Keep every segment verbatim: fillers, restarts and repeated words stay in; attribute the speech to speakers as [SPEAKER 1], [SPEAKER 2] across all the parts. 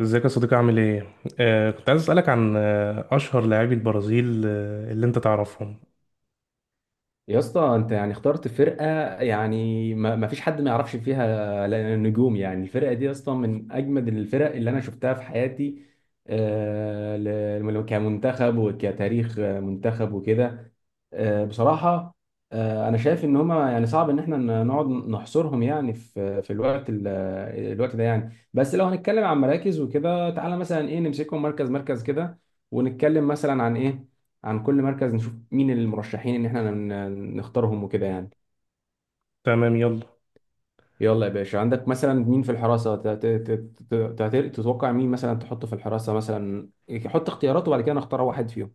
[SPEAKER 1] ازيك يا صديقي عامل ايه؟ آه كنت عايز اسألك عن آه أشهر لاعبي البرازيل آه اللي انت تعرفهم.
[SPEAKER 2] يا اسطى انت يعني اخترت فرقه. يعني ما ما فيش حد ما يعرفش فيها نجوم. يعني الفرقه دي يا اسطى من اجمد الفرق اللي انا شفتها في حياتي، آه، ل- كمنتخب وكتاريخ منتخب وكده. آه، بصراحه آه، انا شايف ان هما يعني صعب ان احنا ن- نقعد نحصرهم يعني في في الوقت ال- الوقت ده. يعني بس لو هنتكلم عن مراكز وكده، تعالى مثلا ايه نمسكهم مركز مركز كده، ونتكلم مثلا عن ايه، عن كل مركز نشوف مين المرشحين ان احنا ن- نختارهم وكده يعني.
[SPEAKER 1] تمام، يلا.
[SPEAKER 2] يلا يا باشا، عندك مثلا مين في الحراسة؟ ت- ت- ت- ت- ت- تتوقع مين مثلا تحطه في الحراسة مثلا؟ حط اختيارات وبعد كده نختار واحد فيهم.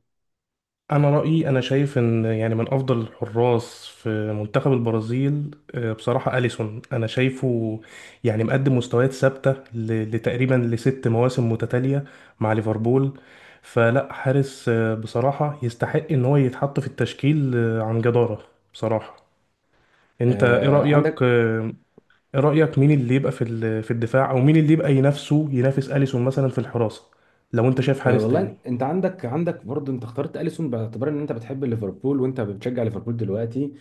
[SPEAKER 1] أنا رأيي، أنا شايف إن يعني من أفضل الحراس في منتخب البرازيل آه بصراحة أليسون. أنا شايفه يعني مقدم مستويات ثابتة ل- لتقريبا لست مواسم متتالية مع ليفربول. فلا حارس آه بصراحة يستحق إن هو يتحط في التشكيل آه عن جدارة، بصراحة. انت ايه
[SPEAKER 2] آه،
[SPEAKER 1] رأيك
[SPEAKER 2] عندك
[SPEAKER 1] آه، ايه رأيك مين اللي يبقى في ال- في الدفاع او مين اللي يبقى ينافسه، ينافس أليسون مثلا في الحراسة، لو انت شايف
[SPEAKER 2] أه
[SPEAKER 1] حارس تاني؟
[SPEAKER 2] والله انت عندك عندك برضه. انت اخترت اليسون باعتبار ان انت بتحب ليفربول وانت بتشجع ليفربول دلوقتي.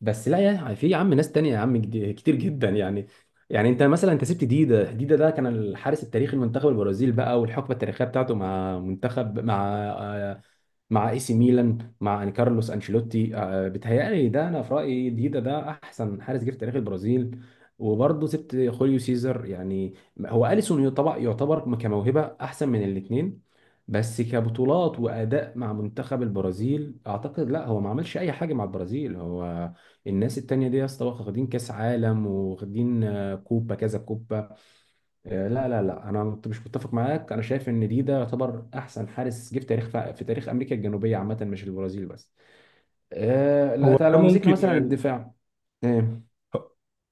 [SPEAKER 2] بس لا، يا في يا عم ناس تانية يا عم، جد- كتير جدا يعني. يعني انت مثلا، انت سبت ديدا ديدا ده كان الحارس التاريخي لمنتخب البرازيل بقى، والحقبه التاريخيه بتاعته مع منتخب، مع آه، مع اي سي ميلان، مع أن- كارلوس انشيلوتي. آه، بيتهيألي ده، انا في رايي ديدا ده احسن حارس جه في تاريخ البرازيل. وبرضه سبت خوليو سيزر يعني. هو اليسون طبعا يعتبر كموهبه احسن من الاثنين، بس كبطولات واداء مع منتخب البرازيل اعتقد لا، هو ما عملش اي حاجه مع البرازيل. هو الناس التانية دي يا اسطى واخدين كاس عالم، واخدين آه، كوبا كذا كوبا. آه، لا لا لا، انا مت- مش متفق معاك. انا شايف ان دي ده يعتبر احسن حارس جه في تاريخ، في تاريخ امريكا الجنوبيه عامه، مش البرازيل بس. آه، لا،
[SPEAKER 1] هو
[SPEAKER 2] تعال
[SPEAKER 1] ده
[SPEAKER 2] لو مسكنا
[SPEAKER 1] ممكن
[SPEAKER 2] مثلا
[SPEAKER 1] يعني
[SPEAKER 2] الدفاع. آه،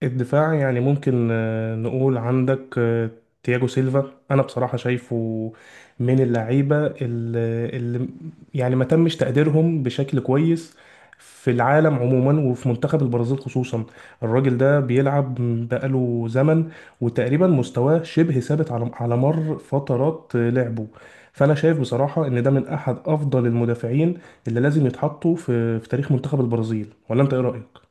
[SPEAKER 1] الدفاع، يعني ممكن آه، نقول عندك آه، تياجو سيلفا. انا بصراحة شايفه من اللعيبة اللي اللي يعني ما تمش تقديرهم بشكل كويس في العالم عموما وفي منتخب البرازيل خصوصا. الراجل ده بيلعب بقاله زمن وتقريبا مستواه شبه ثابت على على مر فترات آه، لعبه. فانا شايف بصراحة ان ده من احد افضل المدافعين اللي لازم يتحطوا في في تاريخ منتخب البرازيل. ولا انت ايه رأيك؟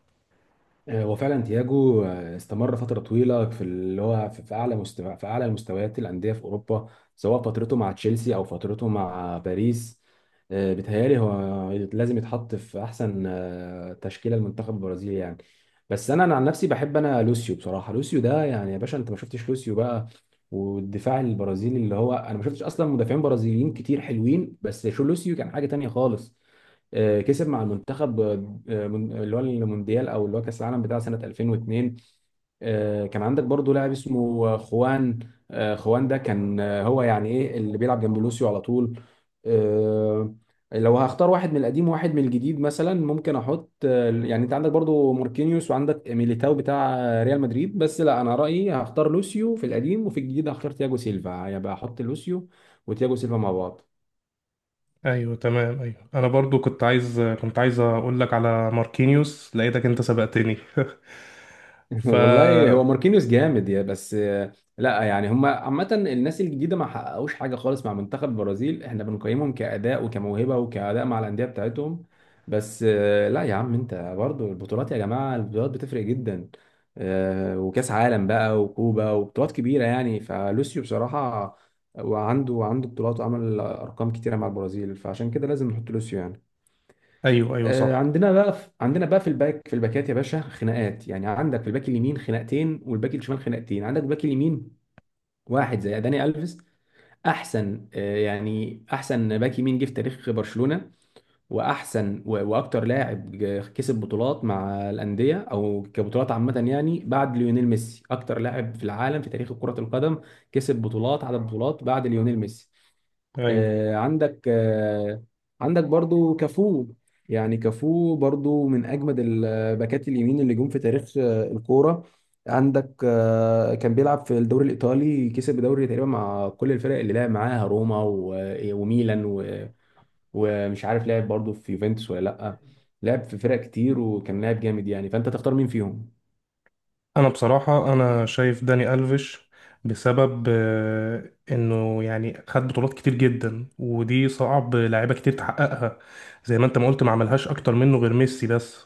[SPEAKER 2] آه، وفعلا تياجو آه، استمر فترة طويلة في اللي هو في في أعلى مستوى، في أعلى مستويات الأندية في أوروبا، سواء فترته مع تشيلسي أو فترته مع باريس. آه، بيتهيألي هو لازم يتحط في أحسن آه، تشكيلة المنتخب البرازيلي يعني. بس أنا أنا عن نفسي بحب أنا لوسيو، بصراحة. لوسيو ده يعني يا باشا، أنت ما شفتش لوسيو بقى والدفاع البرازيلي؟ اللي هو أنا ما شفتش أصلا مدافعين برازيليين كتير حلوين، بس شو لوسيو كان حاجة تانية خالص. آه، كسب مع المنتخب آه، من- اللي هو المونديال، او اللي هو كاس العالم بتاع سنه ألفين واثنين. آه، كان عندك برضو لاعب اسمه آه، خوان. آه، خوان ده كان، آه، هو يعني ايه اللي بيلعب جنب لوسيو على طول. آه، لو هختار واحد من القديم وواحد من الجديد مثلا، ممكن احط آه، يعني، انت عندك برضو ماركينيوس وعندك ميليتاو بتاع آه، ريال مدريد. بس لا، انا رايي هختار لوسيو في القديم، وفي الجديد هختار تياجو سيلفا. هيبقى يعني احط لوسيو وتياجو سيلفا مع بعض.
[SPEAKER 1] ايوه تمام. ايوه انا برضو كنت عايز كنت عايز اقول لك على ماركينيوس، لقيتك انت سبقتني. ف
[SPEAKER 2] والله هو ماركينيوس جامد، يا بس آه، لا، يعني هم عامة الناس الجديدة ما حققوش حاجة خالص مع منتخب البرازيل. احنا بنقيمهم كأداء وكموهبة وكأداء مع الأندية بتاعتهم، بس آه، لا يا عم، انت برضو البطولات يا جماعة، البطولات بتفرق جدا. آه، وكأس عالم بقى وكوبا وبطولات كبيرة يعني، فلوسيو بصراحة وعنده عنده بطولات وعمل أرقام كتيرة مع البرازيل، فعشان كده لازم نحط لوسيو يعني.
[SPEAKER 1] ايوه ايوه
[SPEAKER 2] آه،
[SPEAKER 1] صح.
[SPEAKER 2] عندنا بقى في عندنا بقى في الباك في الباكات يا باشا خناقات. يعني عندك في الباك اليمين خناقتين، والباك الشمال خناقتين. عندك الباك اليمين واحد زي داني الفيس، احسن آه، يعني احسن باك يمين جه في تاريخ برشلونة، واحسن و- واكتر لاعب ج- كسب بطولات مع الاندية او كبطولات عامة يعني، بعد ليونيل ميسي اكتر لاعب في العالم في تاريخ كرة القدم كسب بطولات، عدد بطولات بعد ليونيل ميسي.
[SPEAKER 1] ايوه
[SPEAKER 2] آه، عندك آه، عندك برضو كافو. يعني كافو برضو من اجمد الباكات اليمين اللي جم في تاريخ آه، الكوره. عندك آه، كان بيلعب في الدوري الايطالي، كسب الدوري تقريبا مع كل الفرق اللي لعب معاها، روما و- آه، وميلان و- ومش عارف لعب برضو في يوفنتوس ولا لا. لعب في فرق كتير وكان لاعب جامد يعني، فانت تختار مين فيهم؟
[SPEAKER 1] انا بصراحه انا شايف داني الفيش بسبب آه، انه يعني خد بطولات كتير جدا، ودي صعب لعيبه كتير تحققها. زي ما انت ما قلت، ما عملهاش اكتر منه غير ميسي بس.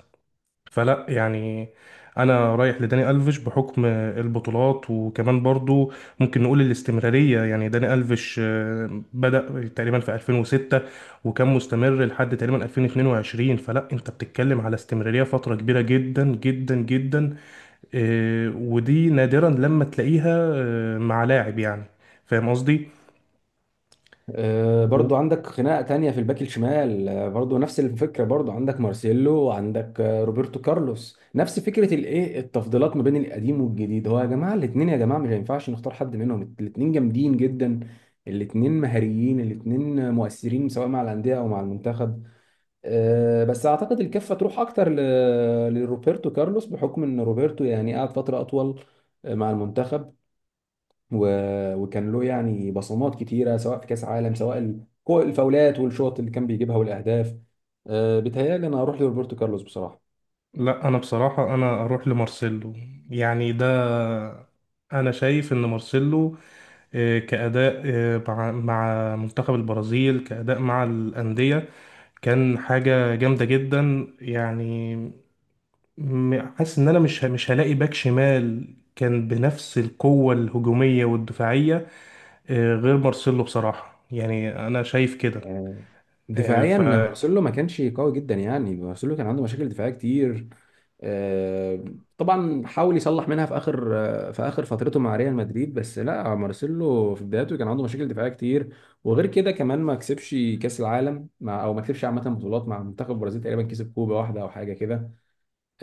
[SPEAKER 1] فلا يعني انا رايح لداني الفيش بحكم البطولات، وكمان برضو ممكن نقول الاستمراريه. يعني داني الفيش آه، بدا تقريبا في ألفين وستة وكان مستمر لحد تقريبا ألفين واثنين وعشرين. فلا انت بتتكلم على استمراريه فتره كبيره جدا جدا جدا، آه، ودي نادرا لما تلاقيها آه، مع لاعب يعني. فاهم قصدي؟
[SPEAKER 2] آه،
[SPEAKER 1] و-
[SPEAKER 2] برضو عندك خناقة تانية في الباك الشمال، آه، برضو نفس الفكرة. برضو عندك مارسيلو وعندك آه، روبرتو كارلوس، نفس فكرة الايه، التفضيلات ما بين القديم والجديد. هو يا جماعة الاتنين، يا جماعة مش هينفعش نختار حد منهم. الاتنين جامدين جدا، الاتنين مهاريين، الاتنين مؤثرين سواء مع الأندية أو مع المنتخب. آه، بس أعتقد الكفة تروح أكتر ل- لروبرتو كارلوس، بحكم إن روبرتو يعني قعد فترة أطول آه، مع المنتخب، و- وكان له يعني بصمات كتيره، سواء في كاس عالم، سواء ال- كو- الفاولات والشوط اللي كان بيجيبها والاهداف. آه، بيتهيألي انا هروح لروبرتو كارلوس بصراحه.
[SPEAKER 1] لا انا بصراحه انا اروح لمارسيلو. يعني ده، انا شايف ان مارسيلو آه، كأداء آه، مع مع منتخب البرازيل، كأداء مع الأندية، كان حاجة جامدة جدا يعني. م- حاسس إن أنا مش ه- مش هلاقي باك شمال كان بنفس القوة الهجومية والدفاعية آه، غير مارسيلو، بصراحة. يعني أنا شايف كده
[SPEAKER 2] آه،
[SPEAKER 1] آه،
[SPEAKER 2] دفاعيا
[SPEAKER 1] ف
[SPEAKER 2] مارسيلو ما كانش قوي جدا. يعني مارسيلو كان عنده مشاكل دفاعيه كتير. آه، طبعا حاول يصلح منها في اخر، آه، في اخر فترته مع ريال مدريد، بس لا مارسيلو في بدايته كان عنده مشاكل دفاعيه كتير. وغير كده كمان ما كسبش كاس العالم مع، او ما كسبش عامه بطولات مع منتخب البرازيل، تقريبا كسب كوبا واحده او حاجه كده.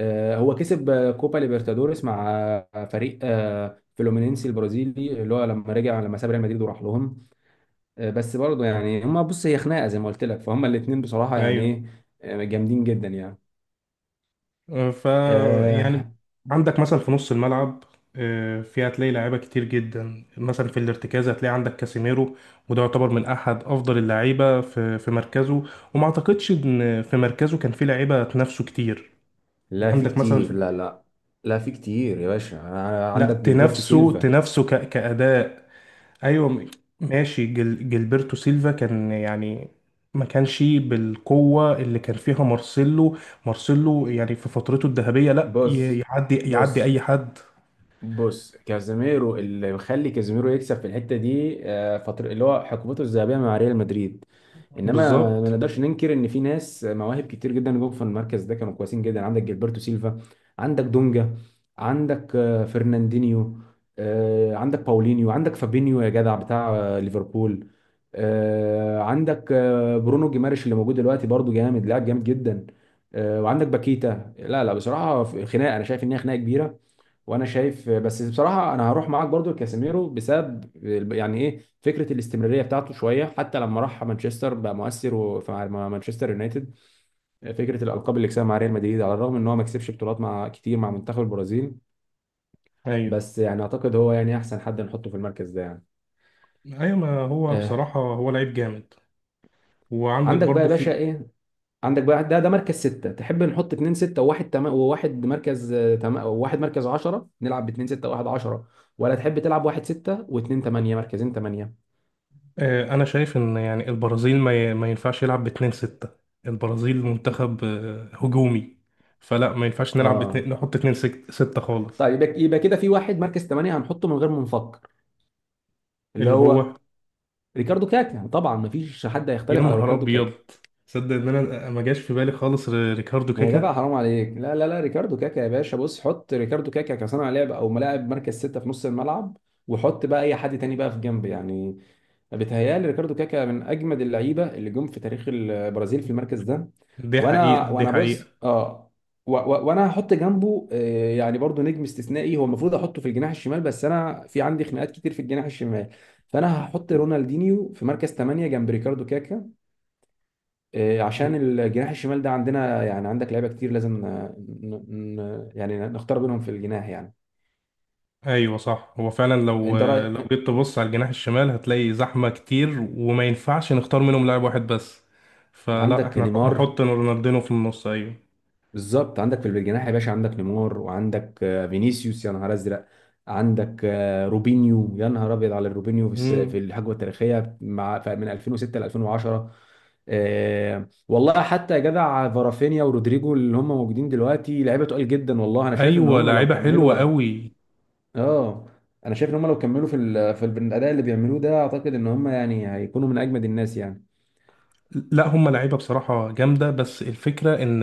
[SPEAKER 2] آه، هو كسب آه، كوبا ليبرتادوريس مع آه، فريق آه، فلومينينسي البرازيلي، اللي هو لما رجع، لما ساب ريال مدريد وراح لهم. آه، بس برضه يعني هما بص، هي خناقه زي ما قلت لك، فهم الاثنين بصراحه يعني
[SPEAKER 1] أيوه
[SPEAKER 2] ايه، آه، جامدين جدا يعني.
[SPEAKER 1] ف يعني.
[SPEAKER 2] آه
[SPEAKER 1] عندك مثلا في نص الملعب آه، في هتلاقي لعيبه كتير جدا، مثلا في الارتكاز هتلاقي عندك كاسيميرو، وده يعتبر من احد افضل اللعيبه في في مركزه، وما اعتقدش ان في مركزه كان في لعيبه تنافسه كتير.
[SPEAKER 2] لا، في
[SPEAKER 1] عندك مثلا،
[SPEAKER 2] كتير، لا لا، لا في كتير يا باشا. ع-
[SPEAKER 1] لا
[SPEAKER 2] عندك جilberto
[SPEAKER 1] تنافسه،
[SPEAKER 2] سيلفا.
[SPEAKER 1] تنافسه ك- كاداء ايوه م- ماشي. جل جilberto سيلفا كان يعني ما كانش بالقوة اللي كان فيها مارسيلو. مارسيلو يعني في فترته الذهبية لا ي-
[SPEAKER 2] بص
[SPEAKER 1] يعدي، يعدي
[SPEAKER 2] بص
[SPEAKER 1] أي حد.
[SPEAKER 2] بص كازيميرو اللي مخلي كازيميرو يكسب في الحته دي آه، فتره، اللي هو حقبته الذهبيه مع ريال مدريد، انما ما
[SPEAKER 1] بالظبط.
[SPEAKER 2] نقدرش ننكر ان في ناس مواهب كتير جدا جم في المركز ده كانوا كويسين جدا. عندك جilberto سيلفا، عندك دونجا، عندك آه، فرناندينيو، آه، عندك باولينيو، عندك فابينيو يا جدع بتاع آه، ليفربول، آه، عندك آه، برونو جيماريش اللي موجود دلوقتي برضو، جامد، لاعب جامد جدا، آه، وعندك باكيتا. لا لا، بصراحه في خناقه، انا شايف ان هي خناقه كبيره، وانا شايف بس بصراحه انا هروح معاك برضو لكاسيميرو، بسبب يعني ايه فكره الاستمراريه بتاعته شويه، حتى لما راح مانشستر بقى مؤثر، وفي مع مانشستر يونايتد فكره الالقاب اللي كسبها مع ريال مدريد، على الرغم ان هو ما كسبش بطولات مع، كتير مع منتخب البرازيل،
[SPEAKER 1] ايوه
[SPEAKER 2] بس يعني اعتقد هو يعني احسن حد نحطه في المركز ده يعني.
[SPEAKER 1] ايوه، ما هو
[SPEAKER 2] آه.
[SPEAKER 1] بصراحة هو لعيب جامد. وعندك
[SPEAKER 2] عندك بقى يا
[SPEAKER 1] برضو
[SPEAKER 2] باشا
[SPEAKER 1] في
[SPEAKER 2] ايه؟ عندك بقى ده ده مركز ستة. تحب نحط اتنين ستة وواحد، تم... وواحد مركز، آه، تم... وواحد مركز عشرة؟ نلعب باتنين ستة وواحد عشرة، ولا تحب تلعب واحد ستة واتنين تمانية، مركزين تمانية؟
[SPEAKER 1] آه، انا شايف ان يعني البرازيل ما ي- ما ينفعش يلعب باتنين ستة. البرازيل منتخب آه، هجومي، فلا ما ينفعش نلعب باتنين،
[SPEAKER 2] اه
[SPEAKER 1] نحط اتنين سك- ستة خالص،
[SPEAKER 2] طيب، يبقى يبقى كده في واحد مركز ثمانية هنحطه من غير ما نفكر، اللي
[SPEAKER 1] اللي هو.
[SPEAKER 2] هو ريكاردو كاكا. طبعا مفيش حد
[SPEAKER 1] يا
[SPEAKER 2] هيختلف على
[SPEAKER 1] نهار
[SPEAKER 2] ريكاردو
[SPEAKER 1] ابيض!
[SPEAKER 2] كاكا.
[SPEAKER 1] تصدق ان انا ما جاش في بالي خالص ر- ريكاردو
[SPEAKER 2] يا جدع
[SPEAKER 1] كاكا؟
[SPEAKER 2] حرام عليك، لا لا لا، ريكاردو كاكا يا باشا. بص، حط ريكاردو كاكا كصانع لعب او ملاعب مركز ستة في نص الملعب، وحط بقى اي حد تاني بقى في جنب يعني. بيتهيألي ريكاردو كاكا من اجمد اللعيبه اللي جم في تاريخ البرازيل في المركز ده.
[SPEAKER 1] دي
[SPEAKER 2] وانا
[SPEAKER 1] حقيقة، دي
[SPEAKER 2] وانا
[SPEAKER 1] حقيقة.
[SPEAKER 2] بص، اه و- و- وانا هحط جنبه آه، يعني برضو نجم استثنائي، هو المفروض احطه في الجناح الشمال، بس انا في عندي خناقات كتير في الجناح الشمال. فانا هحط رونالدينيو في مركز تمانية جنب ريكاردو كاكا، آه، عشان الجناح الشمال ده عندنا يعني عندك لعيبه كتير، لازم آه، ن- ن- يعني نختار بينهم في الجناح يعني.
[SPEAKER 1] ايوه صح، هو فعلا لو،
[SPEAKER 2] انت
[SPEAKER 1] لو
[SPEAKER 2] رايك؟
[SPEAKER 1] جيت تبص على الجناح الشمال هتلاقي زحمه كتير، وما ينفعش نختار منهم لاعب واحد بس. فلا
[SPEAKER 2] عندك
[SPEAKER 1] احنا
[SPEAKER 2] نيمار.
[SPEAKER 1] نحط رونالدينو في النص. ايوه.
[SPEAKER 2] بالظبط، عندك في الجناح يا باشا عندك نيمار، وعندك آه، فينيسيوس، يا نهار ازرق. عندك آه، روبينيو، يا نهار ابيض على الروبينيو، في الس- في
[SPEAKER 1] امم،
[SPEAKER 2] الحقبه التاريخيه مع، ف- من ألفين وستة ل ألفين وعشرة. آه، والله حتى يا جدع فارافينيا ورودريجو، اللي هم موجودين دلوقتي لعيبه تقال جدا. والله انا شايف ان
[SPEAKER 1] ايوه
[SPEAKER 2] هم لو
[SPEAKER 1] لاعيبه حلوه
[SPEAKER 2] كملوا،
[SPEAKER 1] قوي.
[SPEAKER 2] اه انا شايف ان هم لو كملوا في ال... في الاداء اللي بيعملوه ده، اعتقد ان هم يعني هيكونوا من اجمد الناس يعني.
[SPEAKER 1] لا هم لعيبه بصراحه جامده، بس الفكره ان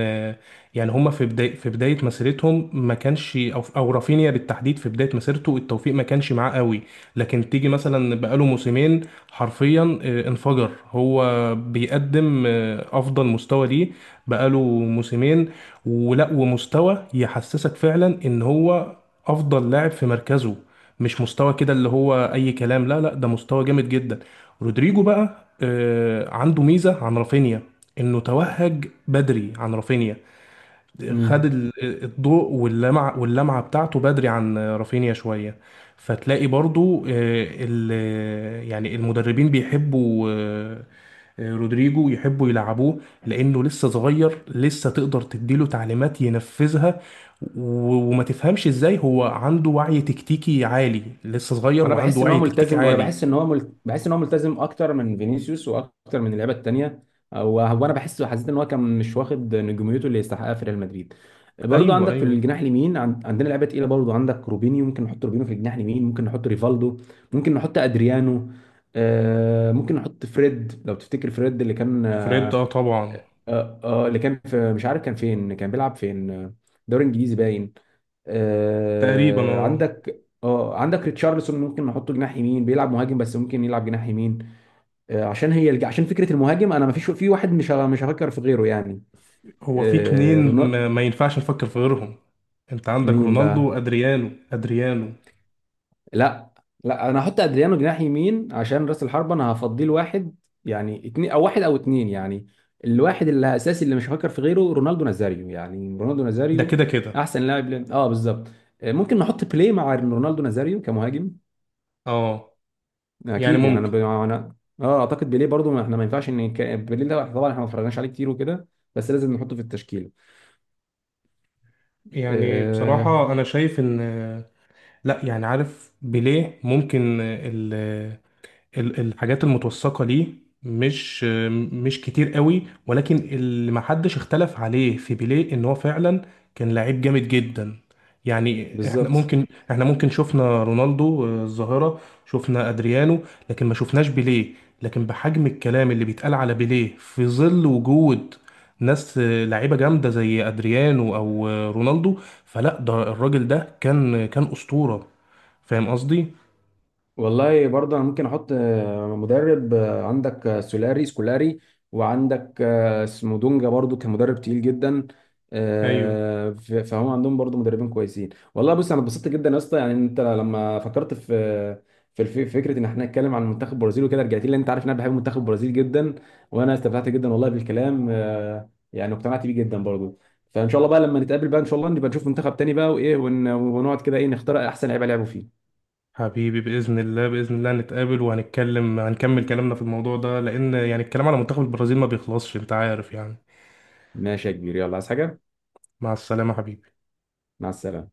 [SPEAKER 1] يعني هم في بدايه في بدايه مسيرتهم ما كانش، او او رافينيا بالتحديد في بدايه مسيرته التوفيق ما كانش معاه قوي. لكن تيجي مثلا بقاله موسمين، حرفيا آه، انفجر، هو بيقدم آه، افضل مستوى ليه بقاله موسمين، ولا ومستوى يحسسك فعلا ان هو افضل لاعب في مركزه، مش مستوى كده اللي هو اي كلام. لا لا، ده مستوى جامد جدا. رودريجو بقى آه، عنده ميزة عن رافينيا، انه توهج بدري عن رافينيا. خد
[SPEAKER 2] امم
[SPEAKER 1] ال- الضوء واللمعة، واللمعة بتاعته بدري عن رافينيا شوية. فتلاقي برضو آه، ال- يعني المدربين بيحبوا آه، آه، رودريجو، يحبوا يلعبوه، لانه لسه صغير، لسه تقدر تديله تعليمات ينفذها. و- وما تفهمش ازاي هو عنده وعي تكتيكي عالي، لسه صغير
[SPEAKER 2] انا
[SPEAKER 1] وعنده
[SPEAKER 2] بحس ان هو
[SPEAKER 1] وعي تكتيكي
[SPEAKER 2] ملتزم، وانا
[SPEAKER 1] عالي.
[SPEAKER 2] بحس ان هو مل... بحس ان هو ملتزم اكتر من فينيسيوس واكتر من اللعيبه التانيه. هو هو انا بحس حسيت ان هو كان مش واخد نجوميته اللي يستحقها في ريال مدريد. برضو
[SPEAKER 1] ايوه
[SPEAKER 2] عندك في
[SPEAKER 1] ايوه
[SPEAKER 2] الجناح اليمين، عن- عندنا لعيبه تقيله برضو. عندك روبينيو، ممكن نحط روبينيو في الجناح اليمين، ممكن نحط ريفالدو، ممكن نحط ادريانو. آه ممكن نحط فريد، لو تفتكر فريد اللي كان،
[SPEAKER 1] فريد،
[SPEAKER 2] آه
[SPEAKER 1] اه طبعا.
[SPEAKER 2] آه آه، اللي كان في مش عارف كان فين، كان بيلعب فين، آه، دوري انجليزي باين.
[SPEAKER 1] تقريبا
[SPEAKER 2] آه
[SPEAKER 1] اه.
[SPEAKER 2] عندك اه عندك ريتشارلسون، ممكن نحطه جناح يمين. بيلعب مهاجم بس ممكن يلعب جناح يمين. آه عشان هي الج- عشان فكره المهاجم، انا ما فيش في واحد، مش ه- مش هفكر في غيره يعني.
[SPEAKER 1] هو في اتنين
[SPEAKER 2] آه رونالدو.
[SPEAKER 1] ما, ما ينفعش نفكر في غيرهم. انت عندك
[SPEAKER 2] مين
[SPEAKER 1] رونالدو
[SPEAKER 2] بقى؟
[SPEAKER 1] وادريانو. ادريانو
[SPEAKER 2] لا، لا انا هحط ادريانو جناح يمين، عشان راس الحربه انا هفضيه لواحد، يعني اتنين او واحد، او اتنين يعني. الواحد اللي اساسي اللي مش هفكر في غيره، رونالدو نازاريو يعني. رونالدو
[SPEAKER 1] ده
[SPEAKER 2] نازاريو
[SPEAKER 1] كده كده.
[SPEAKER 2] احسن لاعب، ل- اه بالظبط. آه، ممكن نحط بلاي مع رونالدو نازاريو كمهاجم،
[SPEAKER 1] اه يعني
[SPEAKER 2] اكيد يعني. انا
[SPEAKER 1] ممكن.
[SPEAKER 2] ب... انا اه اعتقد بيليه برضو. ما احنا ما ينفعش ان ك... بيليه ده طبعا احنا ما اتفرجناش عليه كتير وكده، بس لازم نحطه في التشكيله.
[SPEAKER 1] يعني
[SPEAKER 2] آه
[SPEAKER 1] بصراحة انا شايف ان آه، لا يعني عارف بيليه، ممكن ال- الحاجات المتوثقة ليه مش، مش كتير قوي، ولكن اللي محدش اختلف عليه في بيليه ان هو فعلا كان لعيب جامد جدا. يعني احنا
[SPEAKER 2] بالظبط.
[SPEAKER 1] ممكن، احنا ممكن شفنا رونالدو آه، الظاهرة، شفنا ادريانو، لكن ما شفناش بيليه. لكن بحجم الكلام اللي بيتقال على بيليه، في ظل وجود ناس آه، لعيبة جامدة زي ادريانو او آه، رونالدو، فلا ده الراجل ده كان كان أسطورة. فاهم قصدي؟
[SPEAKER 2] والله برضه انا ممكن احط آه، مدرب، آه، عندك آه، سولاري سكولاري، وعندك آه، اسمه دونجا برضه كان مدرب تقيل جدا.
[SPEAKER 1] ايوه
[SPEAKER 2] آه، ف- فهم عندهم برضه مدربين كويسين. والله بص، انا اتبسطت جدا يا اسطى يعني. انت لما فكرت في في الف- فكره ان احنا نتكلم عن منتخب البرازيل وكده، رجعت لي، لأن انت عارف ان انا بحب منتخب البرازيل جدا. وانا استمتعت جدا والله بالكلام، آه، يعني اقتنعت بيه جدا برضه. فان شاء الله بقى لما نتقابل بقى، ان شاء الله نبقى نشوف منتخب تاني بقى، وايه ون- ونقعد كده ايه، نختار احسن لعيبه لعبوا فيه.
[SPEAKER 1] حبيبي، بإذن الله، بإذن الله نتقابل وهنتكلم، هنكمل كلامنا في الموضوع ده، لأن يعني الكلام على منتخب البرازيل ما بيخلصش، أنت عارف يعني.
[SPEAKER 2] ماشي يا كبير، يلا عايز حاجه؟
[SPEAKER 1] مع السلامة حبيبي.
[SPEAKER 2] مع السلامة.